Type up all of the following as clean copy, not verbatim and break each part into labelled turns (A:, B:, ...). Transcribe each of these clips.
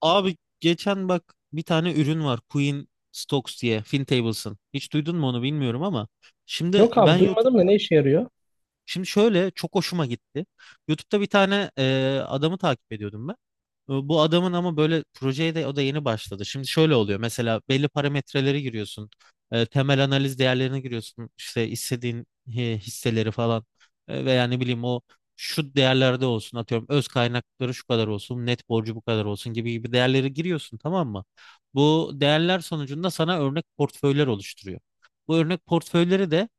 A: Abi geçen bak bir tane ürün var Queen Stocks diye Fintables'ın. Hiç duydun mu onu bilmiyorum ama şimdi
B: Yok
A: ben
B: abi
A: YouTube
B: duymadım da ne işe yarıyor?
A: şimdi şöyle çok hoşuma gitti. YouTube'da bir tane adamı takip ediyordum ben. Bu adamın ama böyle projeye de o da yeni başladı. Şimdi şöyle oluyor. Mesela belli parametreleri giriyorsun. Temel analiz değerlerini giriyorsun. İşte istediğin hisseleri falan. Veya ne bileyim o şu değerlerde olsun, atıyorum öz kaynakları şu kadar olsun, net borcu bu kadar olsun gibi gibi değerleri giriyorsun, tamam mı? Bu değerler sonucunda sana örnek portföyler oluşturuyor. Bu örnek portföyleri de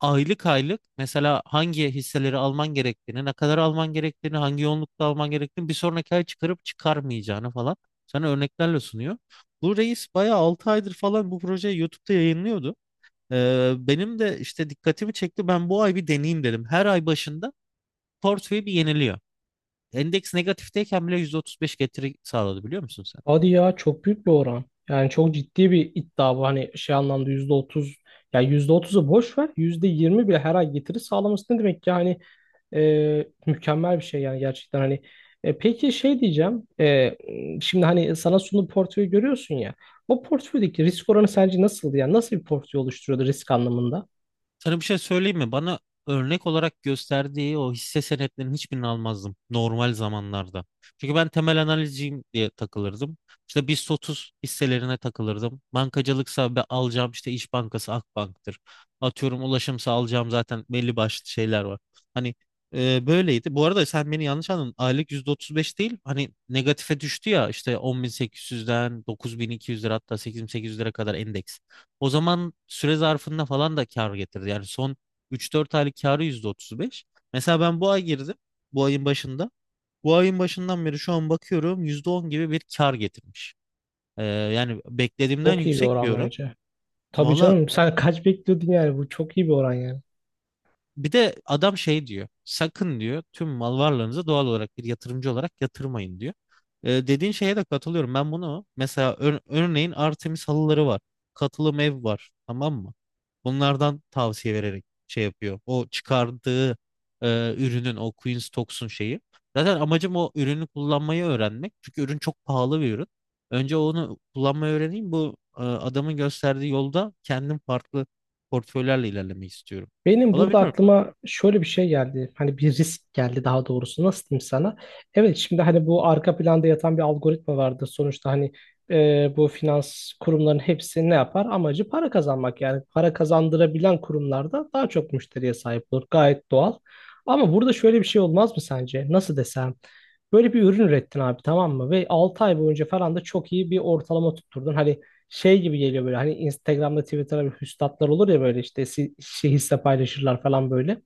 A: aylık aylık mesela hangi hisseleri alman gerektiğini, ne kadar alman gerektiğini, hangi yoğunlukta alman gerektiğini, bir sonraki ay çıkarıp çıkarmayacağını falan sana örneklerle sunuyor. Bu reis bayağı 6 aydır falan bu projeyi YouTube'da yayınlıyordu. Benim de işte dikkatimi çekti. Ben bu ay bir deneyeyim dedim. Her ay başında portföyü bir yeniliyor. Endeks negatifteyken bile %35 getiri sağladı, biliyor musun sen?
B: Hadi ya, çok büyük bir oran. Yani çok ciddi bir iddia bu. Hani şey anlamda %30, ya %30'u boş ver, %20 bile her ay getiri sağlaması ne demek ki? Hani mükemmel bir şey yani gerçekten hani. Peki şey diyeceğim. Şimdi hani sana sunduğu portföyü görüyorsun ya. O portföydeki risk oranı sence nasıldı? Yani nasıl bir portföy oluşturuyordu risk anlamında?
A: Sana bir şey söyleyeyim mi? Bana örnek olarak gösterdiği o hisse senetlerinin hiçbirini almazdım normal zamanlarda. Çünkü ben temel analizciyim diye takılırdım. İşte BIST 30 hisselerine takılırdım. Bankacılıksa be alacağım, işte İş Bankası, Akbank'tır. Atıyorum ulaşımsa alacağım, zaten belli başlı şeyler var. Hani böyleydi. Bu arada sen beni yanlış anladın. Aylık %35 değil. Hani negatife düştü ya, işte 10.800'den 9.200 lira, hatta 8.800 lira kadar endeks. O zaman süre zarfında falan da kar getirdi. Yani son 3-4 aylık karı %35. Mesela ben bu ay girdim. Bu ayın başında. Bu ayın başından beri şu an bakıyorum %10 gibi bir kar getirmiş. Yani beklediğimden
B: Çok iyi bir
A: yüksek bir
B: oran
A: oran.
B: bence. Tabii
A: Valla,
B: canım, sen kaç bekliyordun, yani bu çok iyi bir oran yani.
A: bir de adam şey diyor. Sakın diyor tüm mal varlığınızı doğal olarak bir yatırımcı olarak yatırmayın diyor. Dediğin şeye de katılıyorum. Ben bunu mesela örneğin Artemis halıları var. Katılım ev var. Tamam mı? Bunlardan tavsiye vererek şey yapıyor. O çıkardığı ürünün o Queen's Talks'un şeyi. Zaten amacım o ürünü kullanmayı öğrenmek. Çünkü ürün çok pahalı bir ürün. Önce onu kullanmayı öğreneyim. Bu adamın gösterdiği yolda kendim farklı portföylerle ilerlemeyi istiyorum.
B: Benim burada
A: Olabilir.
B: aklıma şöyle bir şey geldi. Hani bir risk geldi daha doğrusu. Nasıl diyeyim sana? Evet, şimdi hani bu arka planda yatan bir algoritma vardır. Sonuçta hani bu finans kurumlarının hepsi ne yapar? Amacı para kazanmak. Yani para kazandırabilen kurumlarda daha çok müşteriye sahip olur. Gayet doğal. Ama burada şöyle bir şey olmaz mı sence? Nasıl desem? Böyle bir ürün ürettin abi, tamam mı? Ve 6 ay boyunca falan da çok iyi bir ortalama tutturdun. Hani şey gibi geliyor, böyle hani Instagram'da Twitter'da bir hüstatlar olur ya, böyle işte şey hisse paylaşırlar falan böyle.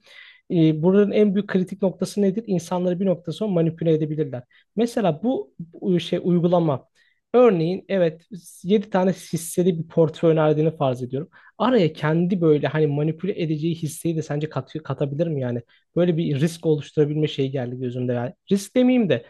B: Buranın en büyük kritik noktası nedir? İnsanları bir nokta sonra manipüle edebilirler. Mesela bu şey uygulama örneğin, evet, 7 tane hisseli bir portföy önerdiğini farz ediyorum. Araya kendi böyle hani manipüle edeceği hisseyi de sence katabilir mi yani? Böyle bir risk oluşturabilme şeyi geldi gözümde yani. Risk demeyeyim de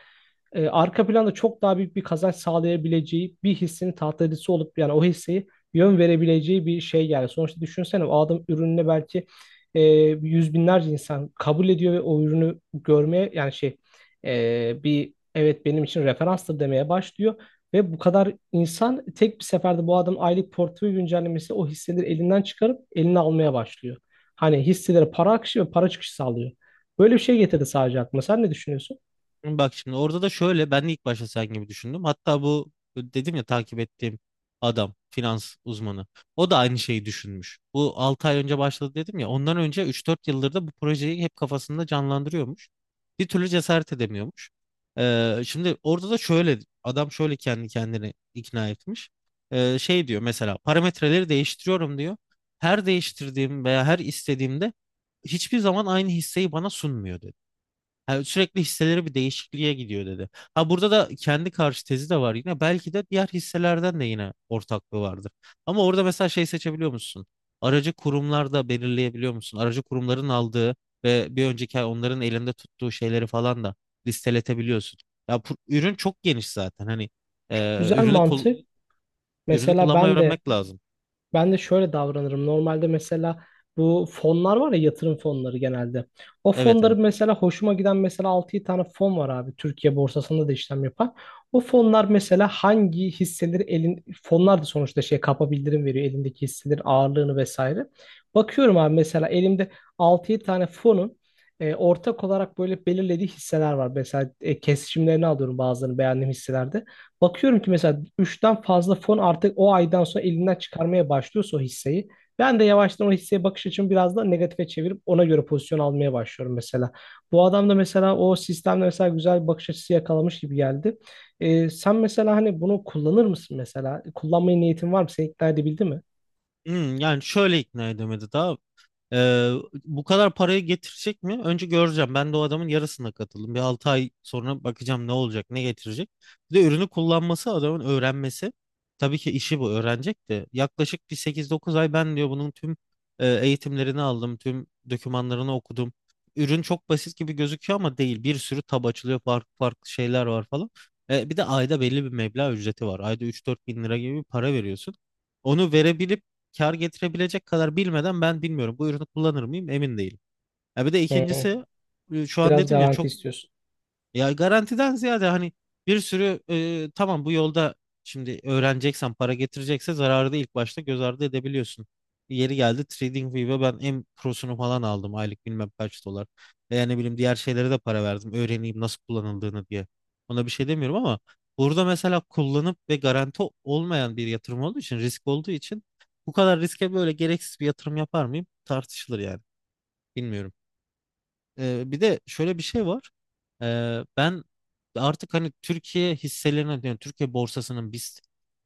B: arka planda çok daha büyük bir kazanç sağlayabileceği bir hissenin tahtacısı olup yani o hisseyi yön verebileceği bir şey yani. Sonuçta düşünsene, o adam ürününe belki e, yüz binlerce insan kabul ediyor ve o ürünü görmeye yani şey, bir evet benim için referanstır demeye başlıyor. Ve bu kadar insan tek bir seferde bu adamın aylık portföy güncellemesi o hisseleri elinden çıkarıp eline almaya başlıyor. Hani hisselere para akışı ve para çıkışı sağlıyor. Böyle bir şey getirdi sadece aklıma. Sen ne düşünüyorsun?
A: Bak şimdi orada da şöyle, ben de ilk başta sen gibi düşündüm. Hatta bu dedim ya, takip ettiğim adam finans uzmanı. O da aynı şeyi düşünmüş. Bu 6 ay önce başladı dedim ya. Ondan önce 3-4 yıldır da bu projeyi hep kafasında canlandırıyormuş. Bir türlü cesaret edemiyormuş. Şimdi orada da şöyle adam şöyle kendi kendini ikna etmiş. Şey diyor mesela, parametreleri değiştiriyorum diyor. Her değiştirdiğim veya her istediğimde hiçbir zaman aynı hisseyi bana sunmuyor diyor. Yani sürekli hisseleri bir değişikliğe gidiyor dedi. Ha burada da kendi karşı tezi de var yine. Belki de diğer hisselerden de yine ortaklığı vardır. Ama orada mesela şey seçebiliyor musun? Aracı kurumlar da belirleyebiliyor musun? Aracı kurumların aldığı ve bir önceki ay onların elinde tuttuğu şeyleri falan da listeletebiliyorsun. Ya, ürün çok geniş zaten. Hani e,
B: Güzel
A: ürünü kul-
B: mantık.
A: ürünü
B: Mesela
A: kullanmayı
B: ben de
A: öğrenmek lazım.
B: şöyle davranırım. Normalde mesela bu fonlar var ya, yatırım fonları genelde. O
A: Evet, evet.
B: fonların mesela hoşuma giden mesela 6 tane fon var abi. Türkiye borsasında da işlem yapan. O fonlar mesela hangi hisseleri elin, fonlar da sonuçta şey kapa bildirim veriyor, elindeki hisselerin ağırlığını vesaire. Bakıyorum abi, mesela elimde 6 tane fonun ortak olarak böyle belirlediği hisseler var. Mesela kesişimlerini alıyorum bazılarını beğendiğim hisselerde. Bakıyorum ki mesela üçten fazla fon artık o aydan sonra elinden çıkarmaya başlıyorsa o hisseyi. Ben de yavaştan o hisseye bakış açımı biraz da negatife çevirip ona göre pozisyon almaya başlıyorum mesela. Bu adam da mesela o sistemde mesela güzel bir bakış açısı yakalamış gibi geldi. Sen mesela hani bunu kullanır mısın mesela? Kullanmaya niyetin var mı? Seni ikna edebildi mi?
A: Yani şöyle ikna edemedi daha. Ee, Bu kadar parayı getirecek mi? Önce göreceğim. Ben de o adamın yarısına katıldım. Bir 6 ay sonra bakacağım ne olacak, ne getirecek. Bir de ürünü kullanması, adamın öğrenmesi. Tabii ki işi bu, öğrenecek de. Yaklaşık bir 8-9 ay ben diyor bunun tüm eğitimlerini aldım, tüm dokümanlarını okudum. Ürün çok basit gibi gözüküyor ama değil. Bir sürü tab açılıyor, farklı farklı şeyler var falan. Bir de ayda belli bir meblağ ücreti var. Ayda 3-4 bin lira gibi bir para veriyorsun. Onu verebilip kar getirebilecek kadar bilmeden ben, bilmiyorum bu ürünü kullanır mıyım, emin değilim. Ya bir de
B: Hı hı.
A: ikincisi şu an
B: Biraz
A: dedim ya
B: garanti
A: çok.
B: istiyorsun.
A: Ya garantiden ziyade hani bir sürü tamam, bu yolda şimdi öğreneceksen, para getirecekse zararı da ilk başta göz ardı edebiliyorsun. Yeri geldi TradingView'e ben en prosunu falan aldım aylık bilmem kaç dolar. Veya ne bileyim diğer şeylere de para verdim öğreneyim nasıl kullanıldığını diye. Ona bir şey demiyorum ama burada mesela kullanıp, ve garanti olmayan bir yatırım olduğu için, risk olduğu için bu kadar riske böyle gereksiz bir yatırım yapar mıyım tartışılır yani. Bilmiyorum. Bir de şöyle bir şey var. Ben artık hani Türkiye hisselerine, yani Türkiye borsasının biz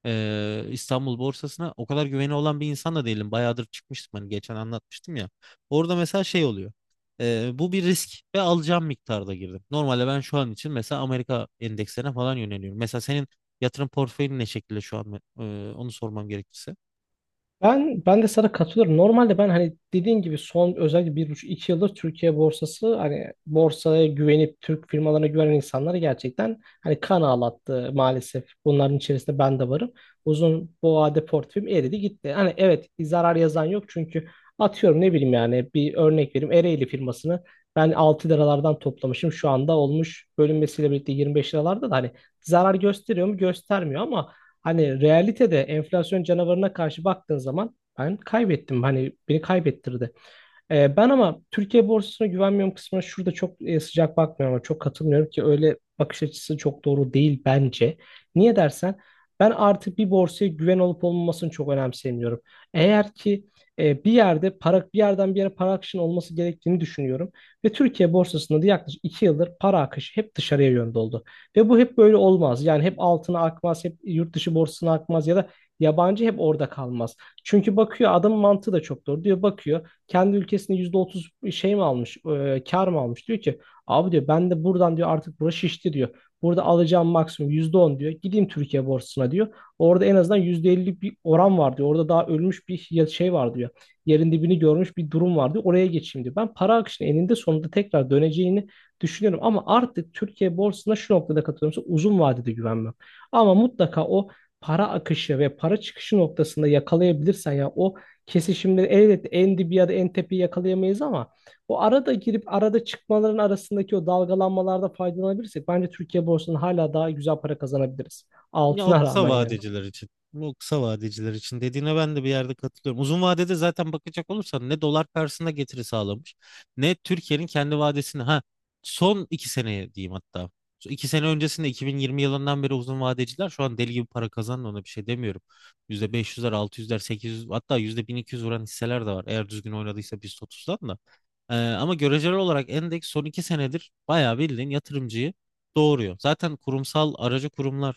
A: e, İstanbul borsasına o kadar güveni olan bir insan da değilim. Bayağıdır çıkmıştım, hani geçen anlatmıştım ya. Orada mesela şey oluyor. Bu bir risk ve alacağım miktarda girdim. Normalde ben şu an için mesela Amerika endekslerine falan yöneliyorum. Mesela senin yatırım portföyün ne şekilde şu an? Onu sormam gerekirse.
B: Ben de sana katılıyorum. Normalde ben hani dediğin gibi, son özellikle bir buçuk iki yıldır Türkiye borsası, hani borsaya güvenip Türk firmalarına güvenen insanları gerçekten hani kan ağlattı maalesef. Bunların içerisinde ben de varım. Uzun bu vade portföyüm eridi gitti. Hani evet, zarar yazan yok çünkü atıyorum, ne bileyim, yani bir örnek vereyim, Ereğli firmasını ben 6 liralardan toplamışım, şu anda olmuş bölünmesiyle birlikte 25 liralarda da, hani zarar gösteriyor mu, göstermiyor, ama hani realitede enflasyon canavarına karşı baktığın zaman ben kaybettim. Hani beni kaybettirdi. Ben ama Türkiye borsasına güvenmiyorum kısmına şurada çok sıcak bakmıyorum, ama çok katılmıyorum ki, öyle bakış açısı çok doğru değil bence. Niye dersen, ben artık bir borsaya güven olup olmamasını çok önemsemiyorum. Eğer ki bir yerde para, bir yerden bir yere para akışının olması gerektiğini düşünüyorum ve Türkiye borsasında da yaklaşık 2 yıldır para akışı hep dışarıya yönde oldu. Ve bu hep böyle olmaz. Yani hep altına akmaz, hep yurt dışı borsasına akmaz ya da yabancı hep orada kalmaz. Çünkü bakıyor, adamın mantığı da çok doğru, diyor, bakıyor kendi ülkesinde %30 şey mi almış, kar mı almış? Diyor ki abi, diyor, ben de buradan diyor artık, burası şişti diyor. Burada alacağım maksimum %10, diyor. Gideyim Türkiye borsasına, diyor. Orada en azından %50'lik bir oran var, diyor. Orada daha ölmüş bir şey var, diyor. Yerin dibini görmüş bir durum var, diyor. Oraya geçeyim, diyor. Ben para akışının eninde sonunda tekrar döneceğini düşünüyorum. Ama artık Türkiye borsasına şu noktada katılıyorum, uzun vadede güvenmem. Ama mutlaka o para akışı ve para çıkışı noktasında yakalayabilirsen ya, o kesişimleri, elbette en dibi ya da en tepeyi yakalayamayız ama o arada girip arada çıkmaların arasındaki o dalgalanmalarda faydalanabilirsek bence Türkiye borsasından hala daha güzel para kazanabiliriz.
A: Ya o
B: Altına
A: kısa
B: rağmen yani.
A: vadeciler için. O kısa vadeciler için dediğine ben de bir yerde katılıyorum. Uzun vadede zaten bakacak olursan ne dolar karşısında getiri sağlamış, ne Türkiye'nin kendi vadesini, ha son 2 seneye diyeyim hatta. Şu 2 sene öncesinde 2020 yılından beri uzun vadeciler şu an deli gibi para kazandı, ona bir şey demiyorum. %500'ler, 600'ler, 800, hatta %1200 vuran hisseler de var. Eğer düzgün oynadıysa biz 30'dan da. Ama göreceli olarak endeks son 2 senedir bayağı bildiğin yatırımcıyı doğuruyor. Zaten kurumsal aracı kurumlar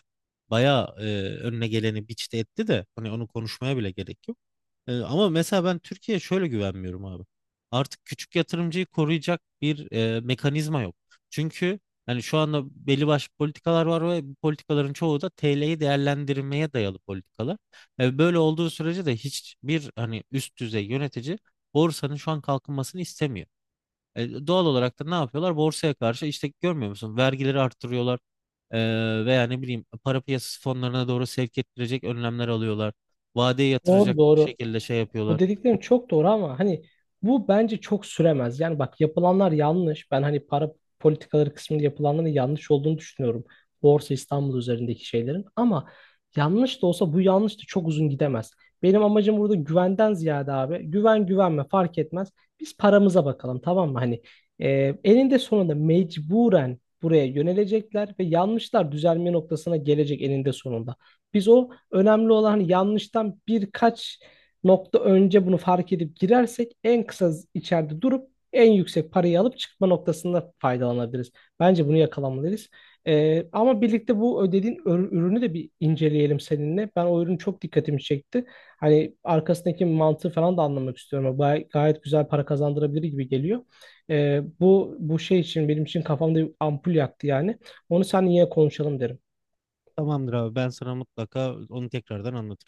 A: bayağı önüne geleni biçte etti de hani onu konuşmaya bile gerek yok. Ama mesela ben Türkiye'ye şöyle güvenmiyorum abi. Artık küçük yatırımcıyı koruyacak bir mekanizma yok. Çünkü hani şu anda belli başlı politikalar var ve bu politikaların çoğu da TL'yi değerlendirmeye dayalı politikalar. Böyle olduğu sürece de hiçbir, hani üst düzey yönetici borsanın şu an kalkınmasını istemiyor. Doğal olarak da ne yapıyorlar? Borsaya karşı işte, görmüyor musun? Vergileri arttırıyorlar, veya ne bileyim para piyasası fonlarına doğru sevk ettirecek önlemler alıyorlar. Vadeye
B: Doğru
A: yatıracak
B: doğru.
A: şekilde şey
B: Bu
A: yapıyorlar.
B: dediklerin çok doğru ama hani bu bence çok süremez. Yani bak, yapılanlar yanlış. Ben hani para politikaları kısmında yapılanların yanlış olduğunu düşünüyorum. Borsa İstanbul üzerindeki şeylerin. Ama yanlış da olsa bu yanlış da çok uzun gidemez. Benim amacım burada güvenden ziyade abi. Güven güvenme fark etmez. Biz paramıza bakalım, tamam mı? Hani e, eninde sonunda mecburen buraya yönelecekler ve yanlışlar düzelme noktasına gelecek eninde sonunda. Biz, o önemli olan, hani yanlıştan birkaç nokta önce bunu fark edip girersek en kısa içeride durup en yüksek parayı alıp çıkma noktasında faydalanabiliriz. Bence bunu yakalamalıyız. Ama birlikte bu ödediğin ürünü de bir inceleyelim seninle. Ben o ürün çok dikkatimi çekti. Hani arkasındaki mantığı falan da anlamak istiyorum. Gayet güzel para kazandırabilir gibi geliyor. Bu şey için benim için kafamda bir ampul yaktı yani. Onu sen yine konuşalım derim.
A: Tamamdır abi, ben sana mutlaka onu tekrardan anlatırım.